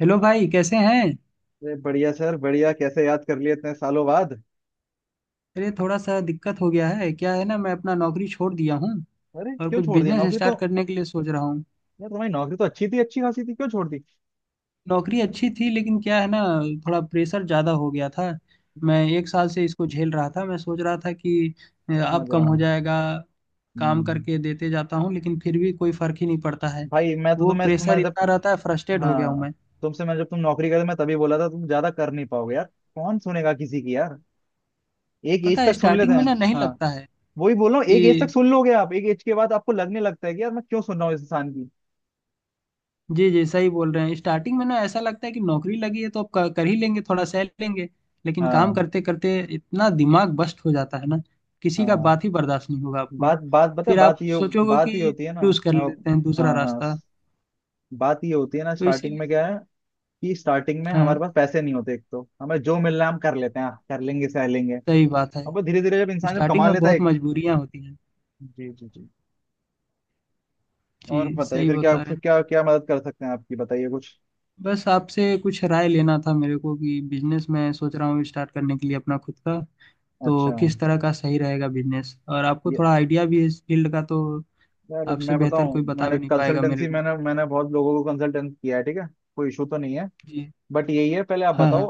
Hello भाई कैसे हैं। अरे बढ़िया सर बढ़िया। कैसे याद कर लिए इतने सालों बाद। अरे थोड़ा सा दिक्कत हो गया है, क्या है ना, मैं अपना नौकरी छोड़ दिया हूँ अरे और क्यों कुछ छोड़ दिया बिजनेस नौकरी तो। स्टार्ट करने के लिए सोच रहा हूँ। यार तुम्हारी नौकरी तो अच्छी थी, अच्छी खासी थी, क्यों छोड़ दी। नौकरी अच्छी थी लेकिन क्या है ना, थोड़ा प्रेशर ज़्यादा हो गया था। मैं 1 साल से इसको झेल रहा था। मैं सोच रहा था कि समझ अब कम रहा हो हूँ। जाएगा। काम हम्म। करके देते जाता हूँ लेकिन फिर भी कोई फर्क ही नहीं पड़ता है। भाई मैं तो वो तुम्हें प्रेशर तुम्हें जब इतना रहता है, फ्रस्ट्रेट हो गया हूँ हाँ, मैं। तुमसे मैं जब तुम नौकरी करे मैं तभी बोला था तुम ज्यादा कर नहीं पाओगे यार। कौन सुनेगा किसी की यार। एक एज पता है तक सुन लेते स्टार्टिंग में हैं। ना नहीं हाँ, लगता है वही बोल रहा हूँ, एक एज तक कि सुन लोगे आप, एक एज के बाद आपको लगने लगता है कि यार मैं क्यों सुन रहा हूँ इस इंसान की। जी जी सही बोल रहे हैं। स्टार्टिंग में ना ऐसा लगता है कि नौकरी लगी है तो अब कर ही लेंगे, थोड़ा सह लेंगे। लेकिन काम हाँ करते करते इतना दिमाग बस्ट हो जाता है ना, किसी का हाँ। बात ही बर्दाश्त नहीं होगा आपको। बात बात बता फिर आप सोचोगे बात ये कि होती है ना। चूज कर मैं, लेते हैं दूसरा हाँ हाँ, रास्ता। बात ये होती है ना, तो स्टार्टिंग में इसीलिए क्या है कि स्टार्टिंग में हाँ हमारे पास पैसे नहीं होते, एक तो हमें जो मिलना है हम कर लेते हैं, हाँ, कर लेंगे सह लेंगे। सही बात है। अब वो धीरे धीरे जब इंसान जब स्टार्टिंग कमा में लेता है बहुत एक, मजबूरियां होती हैं। जी जी जी, जी और बताइए सही फिर क्या, बता रहे फिर हैं। क्या क्या मदद कर सकते हैं आपकी, बताइए कुछ। बस आपसे कुछ राय लेना था मेरे को कि बिजनेस मैं सोच रहा हूँ स्टार्ट करने के लिए अपना खुद का। तो अच्छा किस तरह का सही रहेगा बिजनेस, और आपको ये, थोड़ा आइडिया भी है इस फील्ड का, तो यार आपसे मैं बेहतर बताऊं, कोई बता मैंने भी नहीं पाएगा मेरे कंसल्टेंसी, को। मैंने मैंने बहुत लोगों को कंसल्टेंट किया है, ठीक है। कोई इशू तो नहीं है, जी, बट यही है, पहले आप हाँ बताओ हाँ।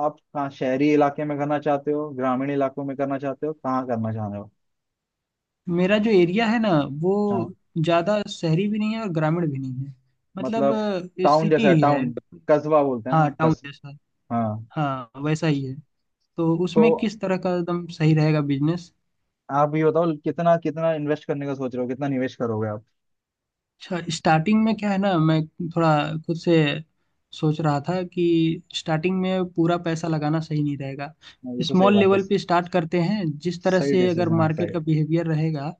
आप कहाँ, शहरी इलाके में करना चाहते हो, ग्रामीण इलाकों में करना चाहते हो, कहाँ करना चाह रहे हो। मेरा जो एरिया है ना, वो हाँ ज़्यादा शहरी भी नहीं है और ग्रामीण भी नहीं है। मतलब मतलब टाउन सिटी जैसा ही है। टाउन, कस्बा बोलते हैं हाँ ना, टाउन कस जैसा। हाँ हाँ वैसा ही है। तो तो उसमें किस तरह का एकदम सही रहेगा बिजनेस। आप ये बताओ कितना कितना इन्वेस्ट करने का सोच रहे हो, कितना निवेश करोगे आप। अच्छा, स्टार्टिंग में क्या है ना, मैं थोड़ा खुद से सोच रहा था कि स्टार्टिंग में पूरा पैसा लगाना सही नहीं रहेगा। हाँ, ये तो सही स्मॉल बात है। लेवल पे स्टार्ट करते हैं, जिस तरह सही से अगर डिसीजन आपका मार्केट ये। का बिहेवियर रहेगा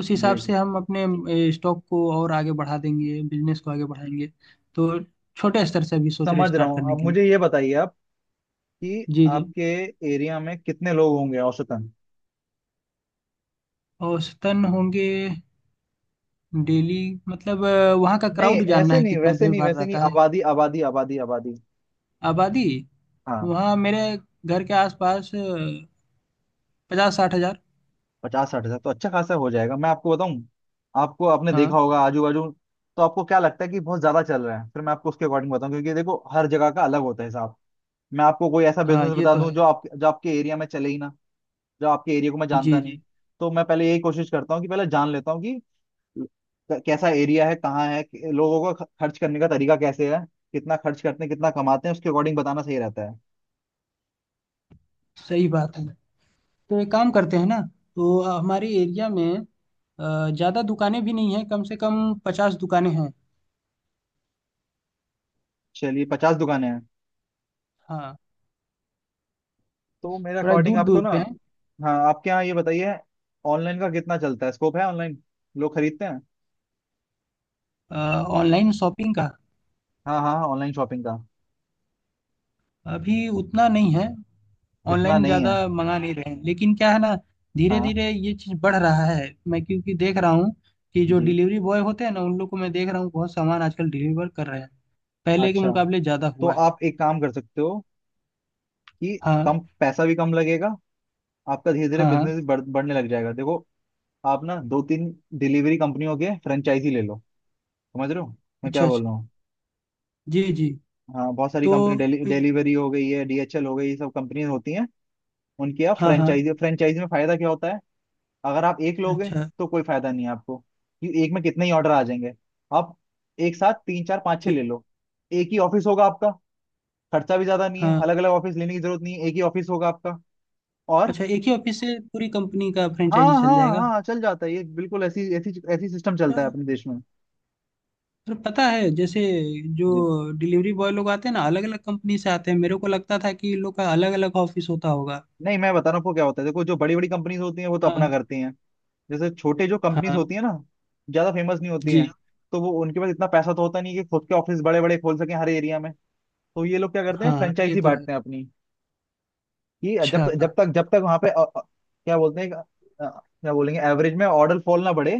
उस हिसाब जी से जी, हम अपने स्टॉक को और आगे बढ़ा देंगे, बिजनेस को आगे बढ़ाएंगे। तो छोटे स्तर से अभी सोच रहे समझ रहा स्टार्ट हूँ। करने अब के लिए। मुझे ये बताइए आप, कि जी जी। आपके एरिया में कितने लोग होंगे औसतन। औसतन होंगे डेली। मतलब वहाँ का नहीं क्राउड जानना ऐसे है, नहीं, कितना वैसे भीड़ नहीं भाड़ वैसे नहीं रहता है। आबादी आबादी आबादी आबादी। आबादी, हाँ, वहाँ मेरे घर के आसपास 50-60 हजार। 50 60 हजार तो अच्छा खासा हो जाएगा, मैं आपको बताऊं। आपको, आपने देखा हाँ होगा आजू बाजू, तो आपको क्या लगता है कि बहुत ज्यादा चल रहा है, फिर मैं आपको उसके अकॉर्डिंग बताऊं, क्योंकि देखो हर जगह का अलग होता है हिसाब। मैं आपको कोई ऐसा हाँ, बिजनेस ये बता तो दूं जो है। आप, जो आपके एरिया में चले ही ना, जो आपके एरिया को मैं जानता जी नहीं। जी, तो मैं पहले यही कोशिश करता हूँ कि पहले जान लेता हूँ कि कैसा एरिया है, कहाँ है, लोगों का खर्च करने का तरीका कैसे है, कितना खर्च करते हैं, कितना कमाते हैं, उसके अकॉर्डिंग बताना सही रहता है। सही बात है। तो एक काम करते हैं ना। तो हमारे एरिया में ज़्यादा दुकानें भी नहीं हैं, कम से कम 50 दुकानें हैं। चलिए 50 दुकानें हैं हाँ, तो मेरे थोड़ा अकॉर्डिंग दूर आपको दूर ना, पे हैं। हाँ आपके यहाँ ये बताइए, ऑनलाइन का कितना चलता है, स्कोप है ऑनलाइन, लोग खरीदते हैं। अ, ऑनलाइन शॉपिंग का हाँ हाँ, ऑनलाइन शॉपिंग का, अभी उतना नहीं है। इतना ऑनलाइन नहीं ज़्यादा है। मंगा नहीं रहे हैं लेकिन क्या है ना, धीरे हाँ धीरे ये चीज़ बढ़ रहा है। मैं क्योंकि देख रहा हूँ कि जो जी। डिलीवरी बॉय होते हैं ना, उन लोग को मैं देख रहा हूँ बहुत सामान आजकल डिलीवर कर रहे हैं। पहले के अच्छा मुकाबले ज़्यादा तो हुआ है। आप एक काम कर सकते हो कि हाँ कम, पैसा भी कम लगेगा, आपका धीरे धीरे हाँ हाँ। बिजनेस बढ़ने लग जाएगा, देखो आप ना 2 3 डिलीवरी कंपनियों के फ्रेंचाइजी ले लो, समझ रहे हो मैं अच्छा क्या बोल अच्छा। रहा हूँ। जी जी। हाँ बहुत सारी तो कंपनी ए- डिलीवरी हो गई है, डीएचएल हो गई, ये सब कंपनीज होती हैं, उनकी आप हाँ हाँ। फ्रेंचाइजी, फ्रेंचाइजी में फायदा क्या होता है, अगर आप एक लोगे अच्छा। तो कोई फायदा नहीं है आपको, क्योंकि एक में कितने ही ऑर्डर आ जाएंगे। आप एक साथ 3 4 5 6 जी। ले लो, एक ही ऑफिस होगा आपका, खर्चा भी ज्यादा नहीं है, हाँ। अलग अलग ऑफिस लेने की जरूरत नहीं है, एक ही ऑफिस होगा आपका। और अच्छा एक ही ऑफिस से पूरी कंपनी का हाँ फ्रेंचाइजी चल हाँ जाएगा। हाँ, चल जाता है ये बिल्कुल, ऐसी ऐसी ऐसी सिस्टम अच्छा, चलता है अपने देश में। तो पता है जैसे जो जी, डिलीवरी बॉय लोग आते हैं ना, अलग अलग कंपनी से आते हैं, मेरे को लगता था कि इन लोग का अलग अलग ऑफिस होता होगा। नहीं मैं बता रहा हूँ आपको क्या होता है, देखो जो बड़ी बड़ी कंपनीज होती हैं वो तो हाँ अपना करती हैं, जैसे छोटे जो कंपनीज हाँ। होती है ना, ज्यादा फेमस नहीं होती हैं, जी। तो वो, उनके पास इतना पैसा तो होता नहीं कि खुद के ऑफिस बड़े बड़े खोल सके हर एरिया में। तो ये लोग क्या करते हैं, हाँ ये फ्रेंचाइजी तो है। बांटते हैं अपनी। ये जब अच्छा। जब तक वहां पे क्या बोलते हैं क्या बोलेंगे एवरेज में ऑर्डर फॉल ना बढ़े,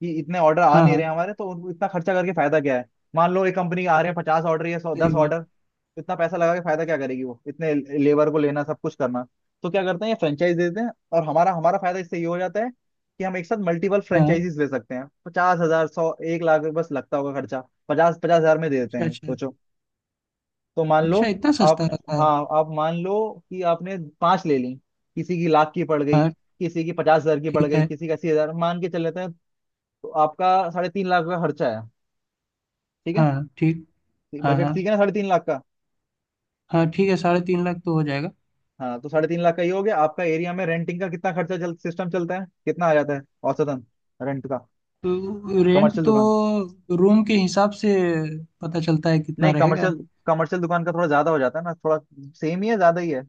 कि इतने ऑर्डर आ हाँ नहीं रहे हाँ। हैं हमारे, तो उनको इतना खर्चा करके फायदा क्या है। मान लो एक कंपनी के आ रहे हैं 50 ऑर्डर, या सौ सही दस बात। ऑर्डर तो इतना पैसा लगा के फायदा क्या करेगी वो, इतने लेबर को लेना, सब कुछ करना। तो क्या करते हैं ये फ्रेंचाइज देते हैं, और हमारा हमारा फायदा इससे ये हो जाता है कि हम एक साथ मल्टीपल हाँ। फ्रेंचाइजीज ले सकते हैं, 50,000, सौ, 1 लाख बस लगता होगा खर्चा, 50 50 हजार में दे देते अच्छा हैं, अच्छा। सोचो। तो मान लो अच्छा इतना सस्ता आपने, रहता है। हाँ आप मान लो कि आपने पांच ले ली, किसी की लाख की पड़ गई, हाँ किसी की 50,000 की पड़ ठीक गई, है। किसी की 80,000 मान के चल लेते हैं, तो आपका 3.5 लाख का खर्चा है, ठीक है। हाँ ठीक। हाँ हाँ। बजट ठीक है ना 3.5 लाख का। हाँ ठीक है, 3.5 लाख तो हो जाएगा। हाँ तो 3.5 लाख का ये हो गया आपका, एरिया में रेंटिंग का कितना खर्चा चल, सिस्टम चलता है, कितना आ जाता है औसतन रेंट का, तो रेंट कमर्शियल तो दुकान। रूम के हिसाब से पता चलता है कितना नहीं रहेगा। कमर्शियल, कमर्शियल दुकान का थोड़ा ज्यादा हो जाता है ना थोड़ा, सेम ही है, ज्यादा ही है।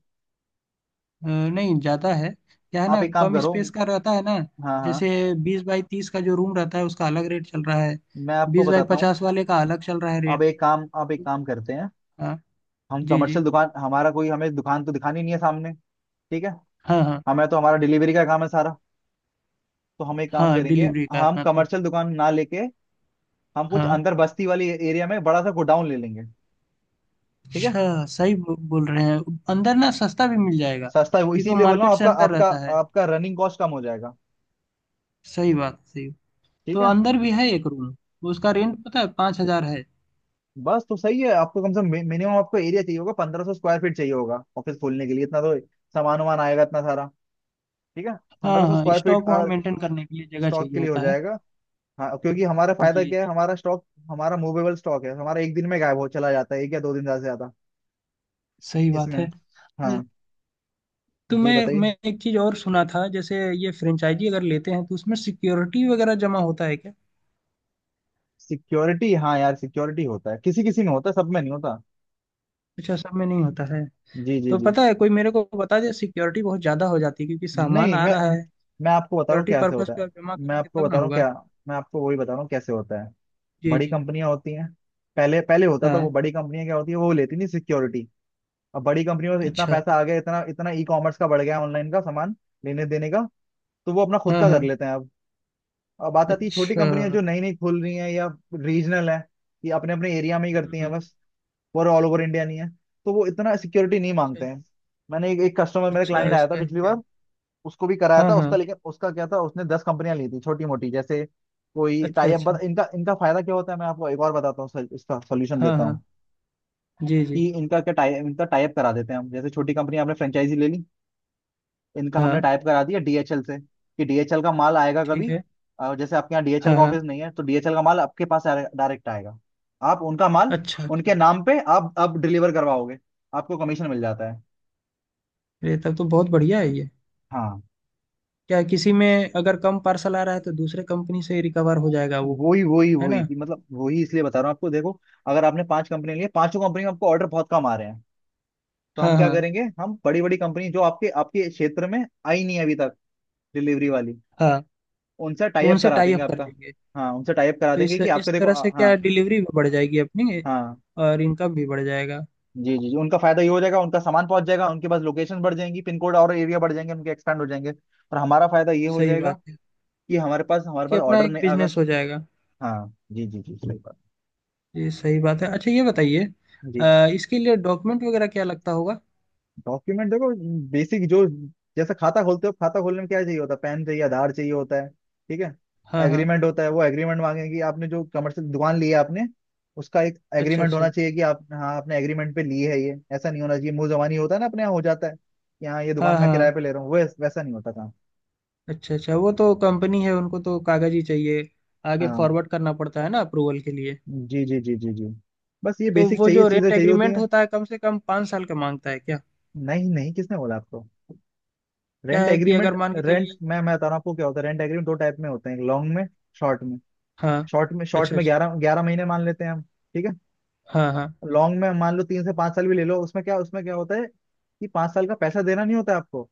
अ, नहीं ज़्यादा है। क्या है आप ना, एक काम कम करो, स्पेस का रहता है ना। हाँ हाँ, जैसे 20 बाई 30 का जो रूम रहता है उसका अलग रेट चल रहा है, मैं आपको बीस बाई बताता हूँ पचास वाले का अलग चल रहा है अब, रेट। एक काम आप एक काम करते हैं, हाँ। हम जी जी। कमर्शियल दुकान, हमारा कोई, हमें दुकान तो दिखानी नहीं है सामने, ठीक है, हाँ हाँ। हमें तो हमारा डिलीवरी का काम है सारा, तो हम एक काम हाँ करेंगे, डिलीवरी का हम अपना तो। कमर्शियल दुकान ना लेके, हम कुछ हाँ अंदर बस्ती वाली एरिया में बड़ा सा गोडाउन ले लेंगे, ठीक है, अच्छा। सही बोल रहे हैं। अंदर ना सस्ता भी मिल जाएगा, सस्ता है वो, क्योंकि वो इसीलिए बोल रहा मार्केट हूँ, से आपका अंदर आपका रहता है। आपका रनिंग कॉस्ट कम हो जाएगा, सही बात, सही। ठीक तो है। अंदर भी है एक रूम, उसका रेंट पता है 5 हजार है। बस तो सही है, आपको कम से कम मिनिमम आपको एरिया चाहिए होगा 1500 स्क्वायर फीट चाहिए होगा ऑफिस खोलने के लिए, इतना तो सामान वामान आएगा इतना सारा, ठीक है, हाँ पंद्रह सौ हाँ, स्क्वायर फीट स्टॉक वहाँ मेंटेन करने के लिए जगह स्टॉक चाहिए के लिए हो होता है। जाएगा। हाँ क्योंकि हमारा फायदा जी क्या है, जी, हमारा स्टॉक, हमारा मूवेबल स्टॉक है, हमारा एक दिन में गायब हो चला जाता है, 1 या 2 दिन ज्यादा से ज्यादा सही बात इसमें। है। हाँ तो जी मैं बताइए। मैं एक चीज और सुना था, जैसे ये फ्रेंचाइजी अगर लेते हैं तो उसमें सिक्योरिटी वगैरह जमा होता है क्या। सिक्योरिटी, हाँ यार सिक्योरिटी होता है, किसी किसी में होता है, सब में नहीं होता। अच्छा सब में नहीं होता है। जी जी तो जी, पता है कोई मेरे को बता दे, सिक्योरिटी बहुत ज्यादा हो जाती है क्योंकि सामान नहीं आ मैं रहा है, मैं आपको बता रहा हूँ सिक्योरिटी कैसे पर्पस होता पे है, आप जमा मैं करेंगे आपको तब बता ना रहा हूँ होगा। क्या, मैं आपको वही बता रहा हूँ कैसे होता है। जी बड़ी जी। कंपनियां होती हैं, पहले पहले होता था, वो हाँ बड़ी कंपनियां क्या होती है वो लेती नहीं सिक्योरिटी। अब बड़ी कंपनियों में इतना अच्छा। पैसा आ गया, इतना, इतना ई कॉमर्स का बढ़ गया, ऑनलाइन का सामान लेने देने का, तो वो अपना खुद हाँ का हाँ। कर लेते हैं अब। अब बात आती है छोटी कंपनियां अच्छा। जो नई नई खुल रही हैं, या रीजनल है, ये अपने अपने एरिया में ही करती हैं हम्म, बस, और ऑल ओवर इंडिया नहीं है, तो वो इतना सिक्योरिटी नहीं अच्छा मांगते हैं। एक कस्टमर मेरा, अच्छा। क्लाइंट आया था ऐसा है पिछली क्या। बार, उसको भी कराया हाँ था उसका, हाँ। लेकिन उसका क्या था उसने 10 कंपनियां ली थी छोटी मोटी, जैसे कोई अच्छा टाई अच्छा। अप, इनका इनका फायदा क्या होता है, मैं आपको एक और बताता हूँ, इसका सोल्यूशन हाँ देता हाँ। हूँ जी जी। कि इनका टाई अप करा देते हैं हम, जैसे छोटी कंपनी, आपने फ्रेंचाइजी ले ली, इनका हमने हाँ टाई अप करा दिया डीएचएल से कि डीएचएल का माल आएगा ठीक कभी, है। जैसे आपके यहाँ डीएचएल हाँ का हाँ। ऑफिस नहीं है, तो डीएचएल का माल आपके पास डायरेक्ट आएगा, आप उनका माल अच्छा उनके अच्छा। नाम पे आप अब डिलीवर करवाओगे, आपको कमीशन मिल जाता है। ये तब तो बहुत बढ़िया है ये। हाँ क्या है, किसी में अगर कम पार्सल आ रहा है तो दूसरे कंपनी से रिकवर हो जाएगा वो, वही वही है वही, ना। कि मतलब वही, इसलिए बता रहा हूँ आपको, देखो अगर आपने 5 कंपनी लिए, पांचों कंपनी में आपको ऑर्डर बहुत कम आ रहे हैं, तो हाँ हम क्या हाँ करेंगे, हम बड़ी बड़ी कंपनी जो आपके आपके क्षेत्र में आई नहीं है अभी तक, डिलीवरी वाली, हाँ। उनसे टाई तो अप उनसे करा टाई देंगे अप कर आपका। देंगे। हाँ उनसे टाई अप करा तो देंगे इस कि इस आपके, देखो तरह से क्या हाँ डिलीवरी भी बढ़ जाएगी अपनी हाँ, और इनकम भी बढ़ जाएगा। जी जी जी, उनका फायदा ये हो जाएगा, उनका सामान पहुंच जाएगा, उनके पास लोकेशन बढ़ जाएंगी, पिन कोड और एरिया बढ़ जाएंगे उनके, एक्सपैंड हो जाएंगे, और हमारा फायदा ये हो सही जाएगा बात है, कि हमारे पास हमारे कि पास अपना ऑर्डर एक नहीं अगर। बिजनेस हो जाएगा। हाँ जी जी जी सही बात। ये सही बात है। अच्छा ये बताइए, जी इसके लिए डॉक्यूमेंट वगैरह क्या लगता होगा। डॉक्यूमेंट देखो, बेसिक जो, जैसे खाता खोलते हो, खाता खोलने में क्या चाहिए होता है, पैन चाहिए, आधार चाहिए होता है, ठीक है। हाँ हाँ। एग्रीमेंट होता है, वो एग्रीमेंट मांगेंगे कि आपने जो कमर्शियल दुकान ली है आपने, उसका एक अच्छा एग्रीमेंट होना अच्छा। चाहिए कि आप हाँ, आपने एग्रीमेंट पे ली है, ये ऐसा नहीं होना चाहिए मुंह जबानी होता है ना, अपने यहाँ हो जाता है कि हाँ ये दुकान हाँ मैं किराए हाँ। पे ले रहा हूँ, वैसा नहीं होता काम। अच्छा अच्छा, वो तो कंपनी है उनको तो कागज ही चाहिए, आगे हाँ फॉरवर्ड करना पड़ता है ना अप्रूवल के लिए। जी जी जी जी जी, बस ये तो बेसिक वो चाहिए, जो चीजें रेंट चाहिए होती एग्रीमेंट हैं। होता है कम से कम 5 साल का मांगता है क्या। नहीं नहीं, किसने बोला आपको, क्या रेंट है कि अगर एग्रीमेंट, मान के रेंट, चलिए। मैं बता रहा हूँ आपको क्या होता है, रेंट एग्रीमेंट दो टाइप में होते हैं, एक लॉन्ग में, शॉर्ट में, हाँ। शॉर्ट में शॉर्ट अच्छा में अच्छा। ग्यारह ग्यारह महीने मान लेते हैं हम, ठीक है। हाँ हाँ। लॉन्ग में मान लो 3 से 5 साल भी ले लो, उसमें क्या, उसमें क्या होता है कि 5 साल का पैसा देना नहीं होता है आपको।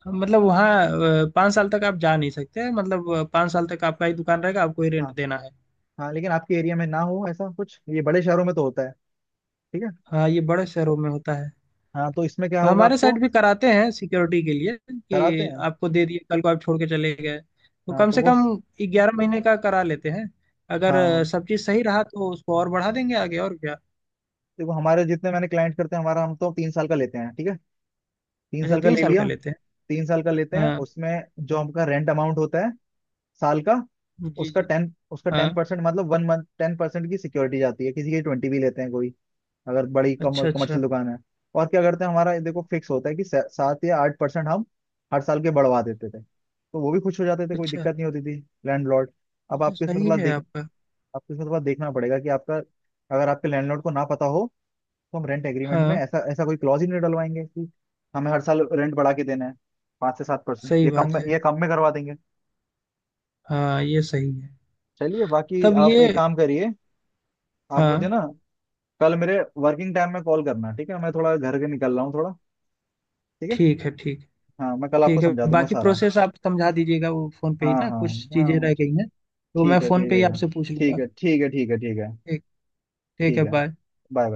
हाँ, मतलब वहाँ 5 साल तक आप जा नहीं सकते, मतलब 5 साल तक आपका ही दुकान रहेगा, आपको ही हाँ रेंट देना है। हाँ, लेकिन आपके एरिया में ना हो ऐसा कुछ, ये बड़े शहरों में तो होता है, ठीक है। हाँ ये बड़े शहरों में होता है। हाँ तो इसमें क्या होगा हमारे आपको, साइड भी कराते हैं सिक्योरिटी के लिए कराते कि हैं, आपको दे दिए कल को आप छोड़ के चले गए, तो हाँ कम तो से वो, कम 11 महीने का करा लेते हैं। अगर हाँ सब चीज़ सही रहा तो उसको और बढ़ा देंगे आगे, और क्या। देखो हमारे जितने मैंने क्लाइंट करते हैं हमारा, हम तो 3 साल का लेते हैं, ठीक है, तीन अच्छा साल का तीन ले साल का लिया, लेते हैं। 3 साल का लेते हैं हाँ। उसमें जो हमका रेंट अमाउंट होता है साल का, जी उसका जी। टेन, उसका हाँ। 10%, मतलब 1 मंथ, 10% की सिक्योरिटी जाती है, किसी की 20 भी लेते हैं कोई अगर बड़ी अच्छा अच्छा। कमर्शियल दुकान है। और क्या करते हैं, हमारा ये देखो फिक्स होता है कि 7 या 8% हम हर साल के बढ़वा देते थे, तो वो भी खुश हो जाते थे, कोई अच्छा दिक्कत नहीं होती थी, लैंडलॉर्ड। ये अब तो आपको इसमें सही थोड़ा है देख, आपका। आपको इसमें थोड़ा देखना पड़ेगा कि आपका, अगर आपके लैंडलॉर्ड को ना पता हो, तो हम रेंट एग्रीमेंट में हाँ ऐसा ऐसा कोई क्लॉज ही नहीं डलवाएंगे कि हमें हर साल रेंट बढ़ा के देना है, 5 से 7%, सही ये कम बात में, है। ये कम में करवा देंगे। हाँ ये सही है। चलिए बाकी तब आप एक ये। काम करिए, आप हाँ मुझे ना कल मेरे वर्किंग टाइम में कॉल करना, ठीक है, मैं थोड़ा घर के निकल रहा हूँ थोड़ा, ठीक है। ठीक है। ठीक है। हाँ मैं कल आपको ठीक है, समझा दूंगा बाकी सारा। प्रोसेस आप समझा दीजिएगा वो फोन पे ही हाँ ना, हाँ कुछ चीजें हाँ, रह गई ठीक, हैं तो मैं ठीक है फोन पे ही ठीक है। आपसे पूछ ठीक लूंगा। है ठीक है ठीक है ठीक है। ठीक, ठीक ठीक है है। बाय। बाय।